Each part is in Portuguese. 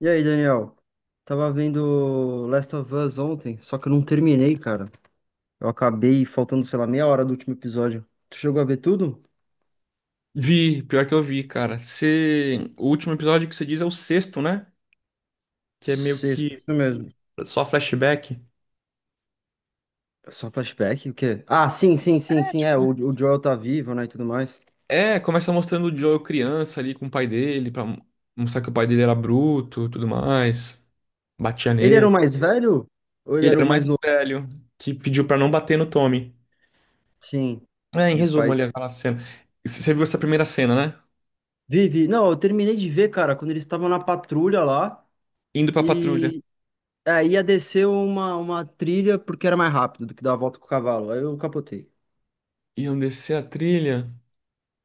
E aí, Daniel? Tava vendo Last of Us ontem, só que eu não terminei, cara. Eu acabei faltando, sei lá, meia hora do último episódio. Tu chegou a ver tudo? Vi, pior que eu vi, cara. O último episódio que você diz é o sexto, né? Que é meio Sexto, que isso mesmo. só flashback. Só flashback? O quê? Ah, sim, sim, sim, É, sim, é. tipo. O Joel tá vivo, né, e tudo mais. É, começa mostrando o Joel criança ali com o pai dele, pra mostrar que o pai dele era bruto, tudo mais. Batia Ele era o nele. mais velho? Ou ele Ele era era o o mais mais novo? velho, que pediu pra não bater no Tommy. Sim. É, em E o resumo, pai. ali aquela cena. Você viu essa primeira cena, né? Vive. Não, eu terminei de ver, cara, quando eles estavam na patrulha lá Indo pra patrulha. e. Aí ia descer uma trilha porque era mais rápido do que dar a volta com o cavalo. Aí eu capotei. Iam descer a trilha.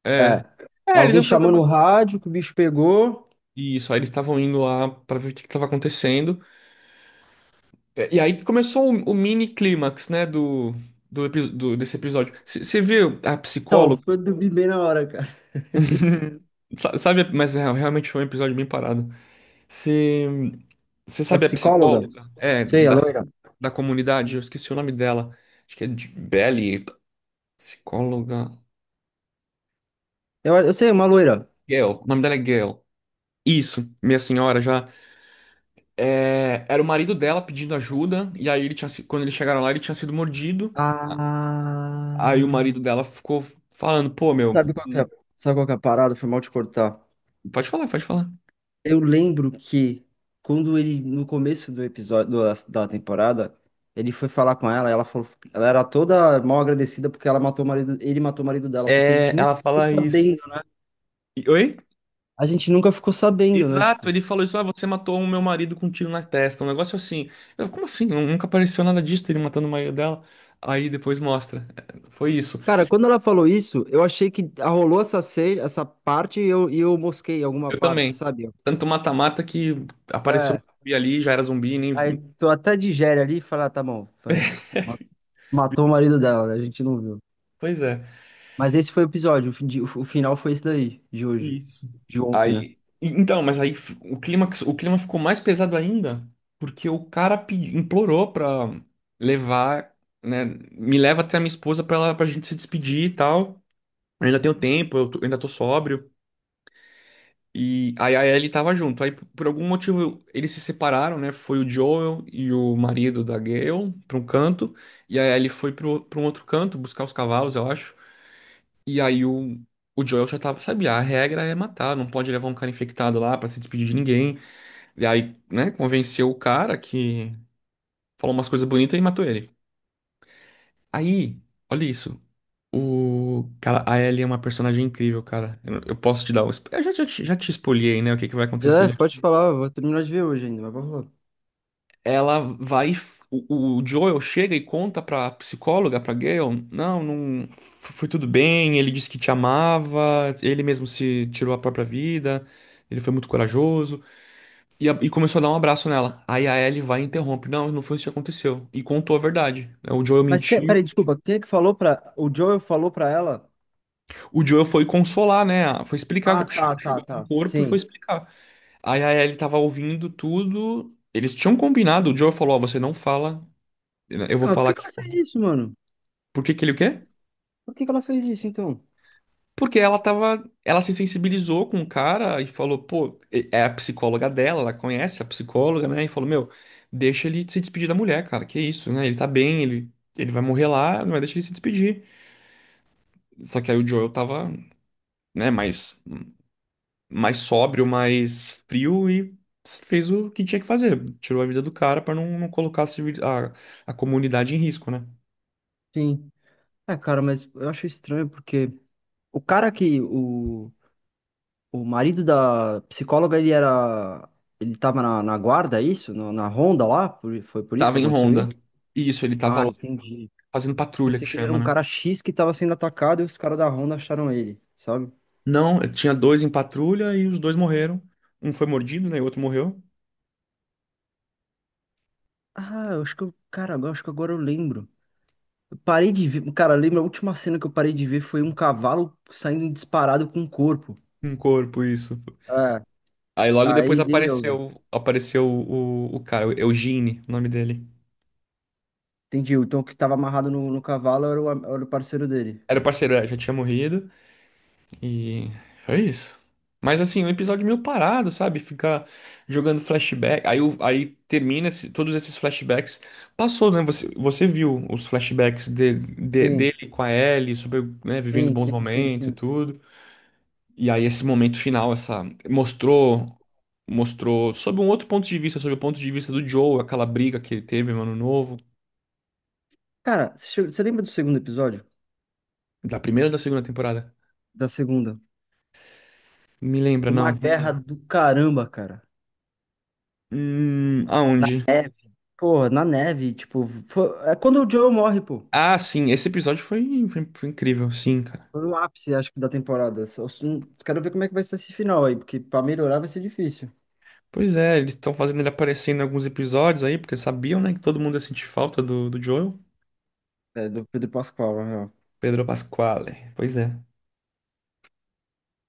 É. É. É, eles Alguém iam fazer chamou no uma. rádio que o bicho pegou. Isso, aí eles estavam indo lá pra ver o que que tava acontecendo. É, e aí começou o mini clímax, né, do desse episódio. Você viu a Então, psicóloga? foi dormir bem na hora, cara. Sabe, mas é, realmente foi um episódio bem parado. Você A sabe a psicóloga? psicóloga? É, Sei, a da, loira. da comunidade, eu esqueci o nome dela. Acho que é de Belly, psicóloga. Eu sei, uma loira. Gail, o nome dela é Gail. Isso, minha senhora já. É, era o marido dela pedindo ajuda, e aí ele tinha, se- quando eles chegaram lá, ele tinha sido mordido. Aí o Ah. marido dela ficou falando, pô, meu. Sabe qual que é, sabe qual que é a parada? Foi mal te cortar. Pode falar, pode falar. Eu lembro que quando ele, no começo da temporada, ele foi falar com ela, ela falou, ela era toda mal agradecida porque ela matou o marido, ele matou o marido dela, só que a É, gente nunca ela ficou fala isso. sabendo, né? Oi? A gente nunca ficou sabendo, né? Exato, Tipo, ele falou isso, ah, você matou o meu marido com um tiro na testa, um negócio assim. Como assim? Nunca apareceu nada disso, ele matando o marido dela. Aí depois mostra. É, foi isso. cara, quando ela falou isso, eu achei que rolou essa parte e eu mosquei alguma Eu parte, também. sabe? Tanto mata-mata que apareceu É, um zumbi ali, já era zumbi, nem. aí tu até digere ali e fala, ah, tá bom, vai. Matou o marido dela, né? A gente não viu. Pois é. Mas esse foi o episódio, o final foi esse daí, de hoje, Isso. de ontem, né? Aí, então, mas aí o clima ficou mais pesado ainda, porque o cara implorou pra levar, né, me leva até a minha esposa pra gente se despedir e tal. Eu ainda tenho tempo, eu ainda tô sóbrio. E aí a Ellie tava junto. Aí, por algum motivo, eles se separaram, né? Foi o Joel e o marido da Gale pra um canto, e a Ellie foi pra um outro canto buscar os cavalos, eu acho. E aí o Joel já tava, sabia, a regra é matar, não pode levar um cara infectado lá pra se despedir de ninguém. E aí, né, convenceu o cara que falou umas coisas bonitas e matou ele. Aí, olha isso. O cara, a Ellie é uma personagem incrível, cara. Eu posso te dar um. Eu já te espoliei, né? O que que vai Já é, acontecer? pode falar, eu vou terminar de ver hoje ainda, mas pode falar. Ela vai. O Joel chega e conta pra psicóloga, pra Gale, não, não. Foi tudo bem, ele disse que te amava, ele mesmo se tirou a própria vida, ele foi muito corajoso. E começou a dar um abraço nela. Aí a Ellie vai e interrompe, não, não foi isso que aconteceu. E contou a verdade, né? O Joel Mas que, mentiu. peraí, desculpa, quem é que falou pra. O Joel falou pra ela? O Joel foi consolar, né? Foi explicar. Ah, che- tá, tá, Chegou com o tá, corpo e foi sim. explicar. Aí a Ellie tava ouvindo tudo. Eles tinham combinado, o Joel falou, ó, você não fala, eu vou Ah, mas por falar que que aqui. ela fez isso, mano? Por que que ele o quê? Por que que ela fez isso, então? Porque ela se sensibilizou com o cara e falou, pô, é a psicóloga dela, ela conhece a psicóloga, né? E falou, meu, deixa ele se despedir da mulher, cara, que isso, né? Ele tá bem, ele vai morrer lá, mas deixa ele se despedir. Só que aí o Joel tava, né, mais sóbrio, mais frio e fez o que tinha que fazer. Tirou a vida do cara pra não colocar a, civil- a comunidade em risco, né? Sim. Ah, cara, mas eu acho estranho porque. O cara que. O marido da psicóloga, ele era. Ele tava na guarda, é isso? Na ronda lá? Foi por isso que Tava em aconteceu ronda. isso? Isso, ele tava Ah, lá entendi. fazendo patrulha, que Pensei que ele era chama, um né? cara X que tava sendo atacado e os caras da ronda acharam ele, sabe? Não, tinha dois em patrulha e os dois morreram. Um foi mordido, né? E o outro morreu. Ah, eu acho que eu. Cara, acho que agora eu lembro. Eu parei de ver. Cara, lembra a última cena que eu parei de ver foi um cavalo saindo disparado com o corpo. Um corpo, isso. É, Aí logo depois aí dei me. apareceu o cara, o Eugene, o nome dele. Entendi. Então o que tava amarrado no cavalo era era o parceiro dele. Era o parceiro, é, já tinha morrido. E foi isso. Mas assim, um episódio meio parado, sabe? Ficar jogando flashback. Aí, aí termina todos esses flashbacks. Passou, né? Você viu os flashbacks de- de- Sim, dele com a Ellie, sobre, né, vivendo sim, bons sim, sim, momentos e sim. tudo. E aí esse momento final, essa mostrou mostrou sob um outro ponto de vista, sob o ponto de vista do Joe, aquela briga que ele teve no Ano Novo, Cara, você lembra do segundo episódio? da primeira ou da segunda temporada? Da segunda? Me lembra, Foi uma não. guerra do caramba, cara. Aonde? Neve. Porra, na neve, tipo, é quando o Joe morre, pô. Ah, sim, esse episódio foi incrível, sim, cara. Foi no ápice, acho que, da temporada. Quero ver como é que vai ser esse final aí, porque pra melhorar vai ser difícil. Pois é, eles estão fazendo ele aparecer em alguns episódios aí, porque sabiam, né, que todo mundo ia sentir falta do Joel. É, do Pedro Pascal, na real. Pedro Pasquale, pois é.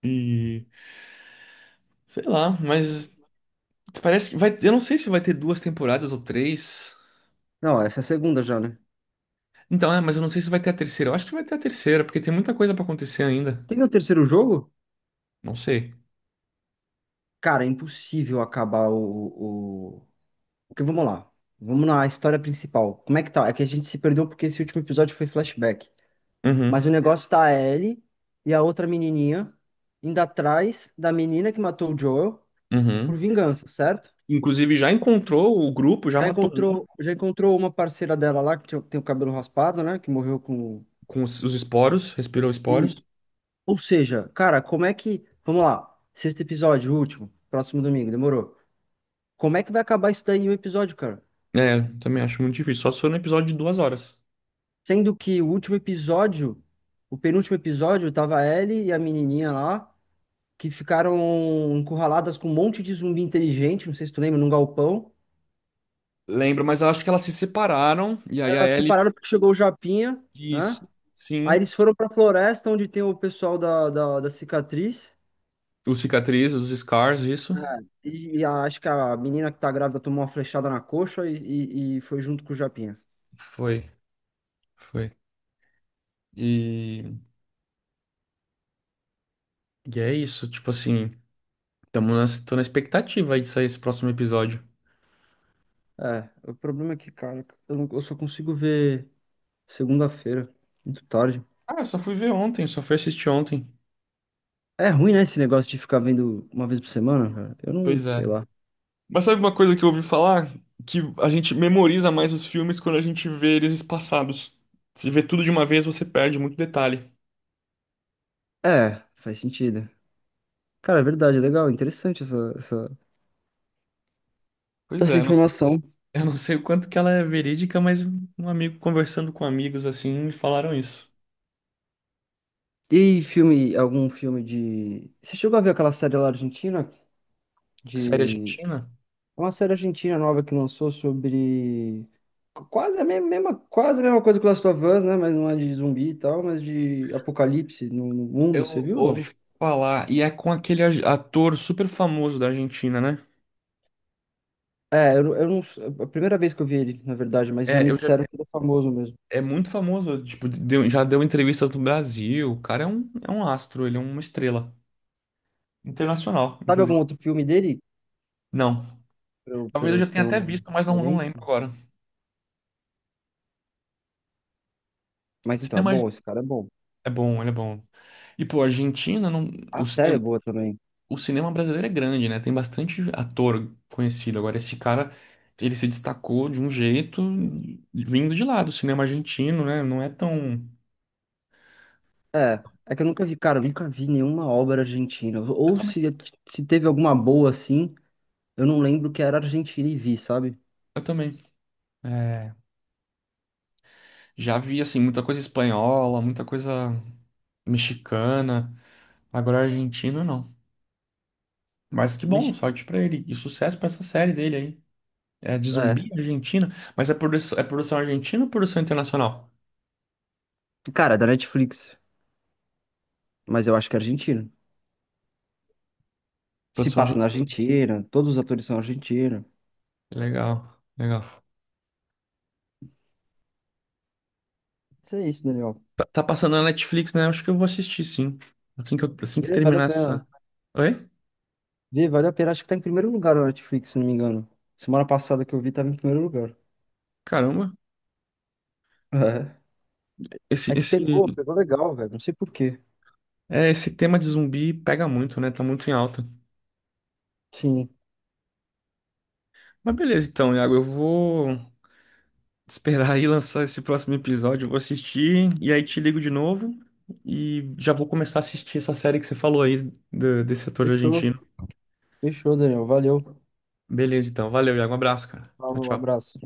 E sei lá, mas eu não sei se vai ter duas temporadas ou três. Não, essa é a segunda já, né? Então, é, mas eu não sei se vai ter a terceira. Eu acho que vai ter a terceira, porque tem muita coisa pra acontecer ainda. Tem o terceiro jogo? Não sei. Cara, é impossível acabar o. Porque vamos lá. Vamos na história principal. Como é que tá? É que a gente se perdeu porque esse último episódio foi flashback. Mas Uhum, o negócio tá a Ellie e a outra menininha indo atrás da menina que matou o Joel por uhum. vingança, certo? Inclusive, já encontrou o grupo, já Já matou um encontrou, já encontrou uma parceira dela lá tem o cabelo raspado, né? Que morreu com com os esporos, respirou esporos. isso. Ou seja, cara, como é que, vamos lá, sexto episódio, último, próximo domingo, demorou. Como é que vai acabar isso daí em um episódio, cara? É, também acho muito difícil. Só se for no episódio de 2 horas. Sendo que o último episódio, o penúltimo episódio, tava a Ellie e a menininha lá que ficaram encurraladas com um monte de zumbi inteligente, não sei se tu lembra, num galpão. Lembro, mas eu acho que elas se separaram. E aí a Elas se Ellie. separaram porque chegou o Japinha, né? Isso. Aí Sim. eles foram pra floresta onde tem o pessoal da cicatriz. Os cicatrizes, os scars, isso. É, acho que a menina que tá grávida tomou uma flechada na coxa e foi junto com o Japinha. Foi, foi. E, e é isso. Tipo assim, tô na expectativa aí de sair esse próximo episódio. É, o problema é que, cara, eu, não- eu só consigo ver segunda-feira, muito tarde. Ah, eu só fui ver ontem, só fui assistir ontem. É ruim, né, esse negócio de ficar vendo uma vez por semana, cara? Eu não Pois sei é. lá. Mas sabe uma coisa que eu ouvi falar? Que a gente memoriza mais os filmes quando a gente vê eles espaçados. Se vê tudo de uma vez, você perde muito detalhe. É, faz sentido. Cara, é verdade, é legal, interessante essa, essa, Pois essa é, informação. eu não sei o quanto que ela é verídica, mas um amigo conversando com amigos assim me falaram isso. E filme, algum filme de. Você chegou a ver aquela série lá argentina? Série De. argentina? É uma série argentina nova que lançou sobre. Quase a mesma coisa que Last of Us, né? Mas não é de zumbi e tal, mas de apocalipse no mundo, você Eu viu ou não? ouvi falar, e é com aquele ator super famoso da Argentina, né? É, eu não. É a primeira vez que eu vi ele, na verdade, mas já É, me disseram que ele é famoso mesmo. é muito famoso, tipo, já deu entrevistas no Brasil. O cara é um, astro, ele é uma estrela. Internacional, Sabe algum inclusive. outro filme dele? Não. Pra eu, pra Talvez eu eu já ter tenha até uma visto, mas não, não lembro referência? agora. Mas então, é Cinema bom, esse cara é bom. é bom, ele é bom. E, pô, a Argentina, não. A o, série é cine- boa também. o cinema brasileiro é grande, né? Tem bastante ator conhecido. Agora, esse cara, ele se destacou de um jeito vindo de lá, do cinema argentino, né? Não é tão. É que eu nunca vi, cara, eu nunca vi nenhuma obra argentina. Eu Ou também. se teve alguma boa assim, eu não lembro que era argentina e vi, sabe? Eu também. É, já vi, assim, muita coisa espanhola, muita coisa mexicana. Agora, argentino, não. Mas que bom, Mex-. sorte pra ele. E sucesso pra essa série dele aí. É de É, zumbi argentina, mas é produção argentina ou produção internacional? cara, é da Netflix, mas eu acho que é argentino. Se Produção passa na argentina. Argentina, todos os atores são argentinos. Legal, legal. Isso é isso, Daniel. Tá, tá passando na Netflix, né? Acho que eu vou assistir, sim. Assim que Vê, vale a terminar pena. essa. Oi? Vê, vale a pena. Acho que tá em primeiro lugar na Netflix, se não me engano. Semana passada que eu vi, tava em primeiro lugar. Caramba. É. Esse, É que esse, pegou, pegou legal, velho. Não sei por quê. esse tema de zumbi pega muito, né? Tá muito em alta. Sim. Mas beleza, então, Iago, eu vou esperar aí lançar esse próximo episódio. Eu vou assistir e aí te ligo de novo. E já vou começar a assistir essa série que você falou aí desse ator Fechou. argentino. Fechou, Daniel. Valeu. Beleza, então. Valeu, Iago. Um abraço, cara. Tchau, Falou, um tchau. abraço.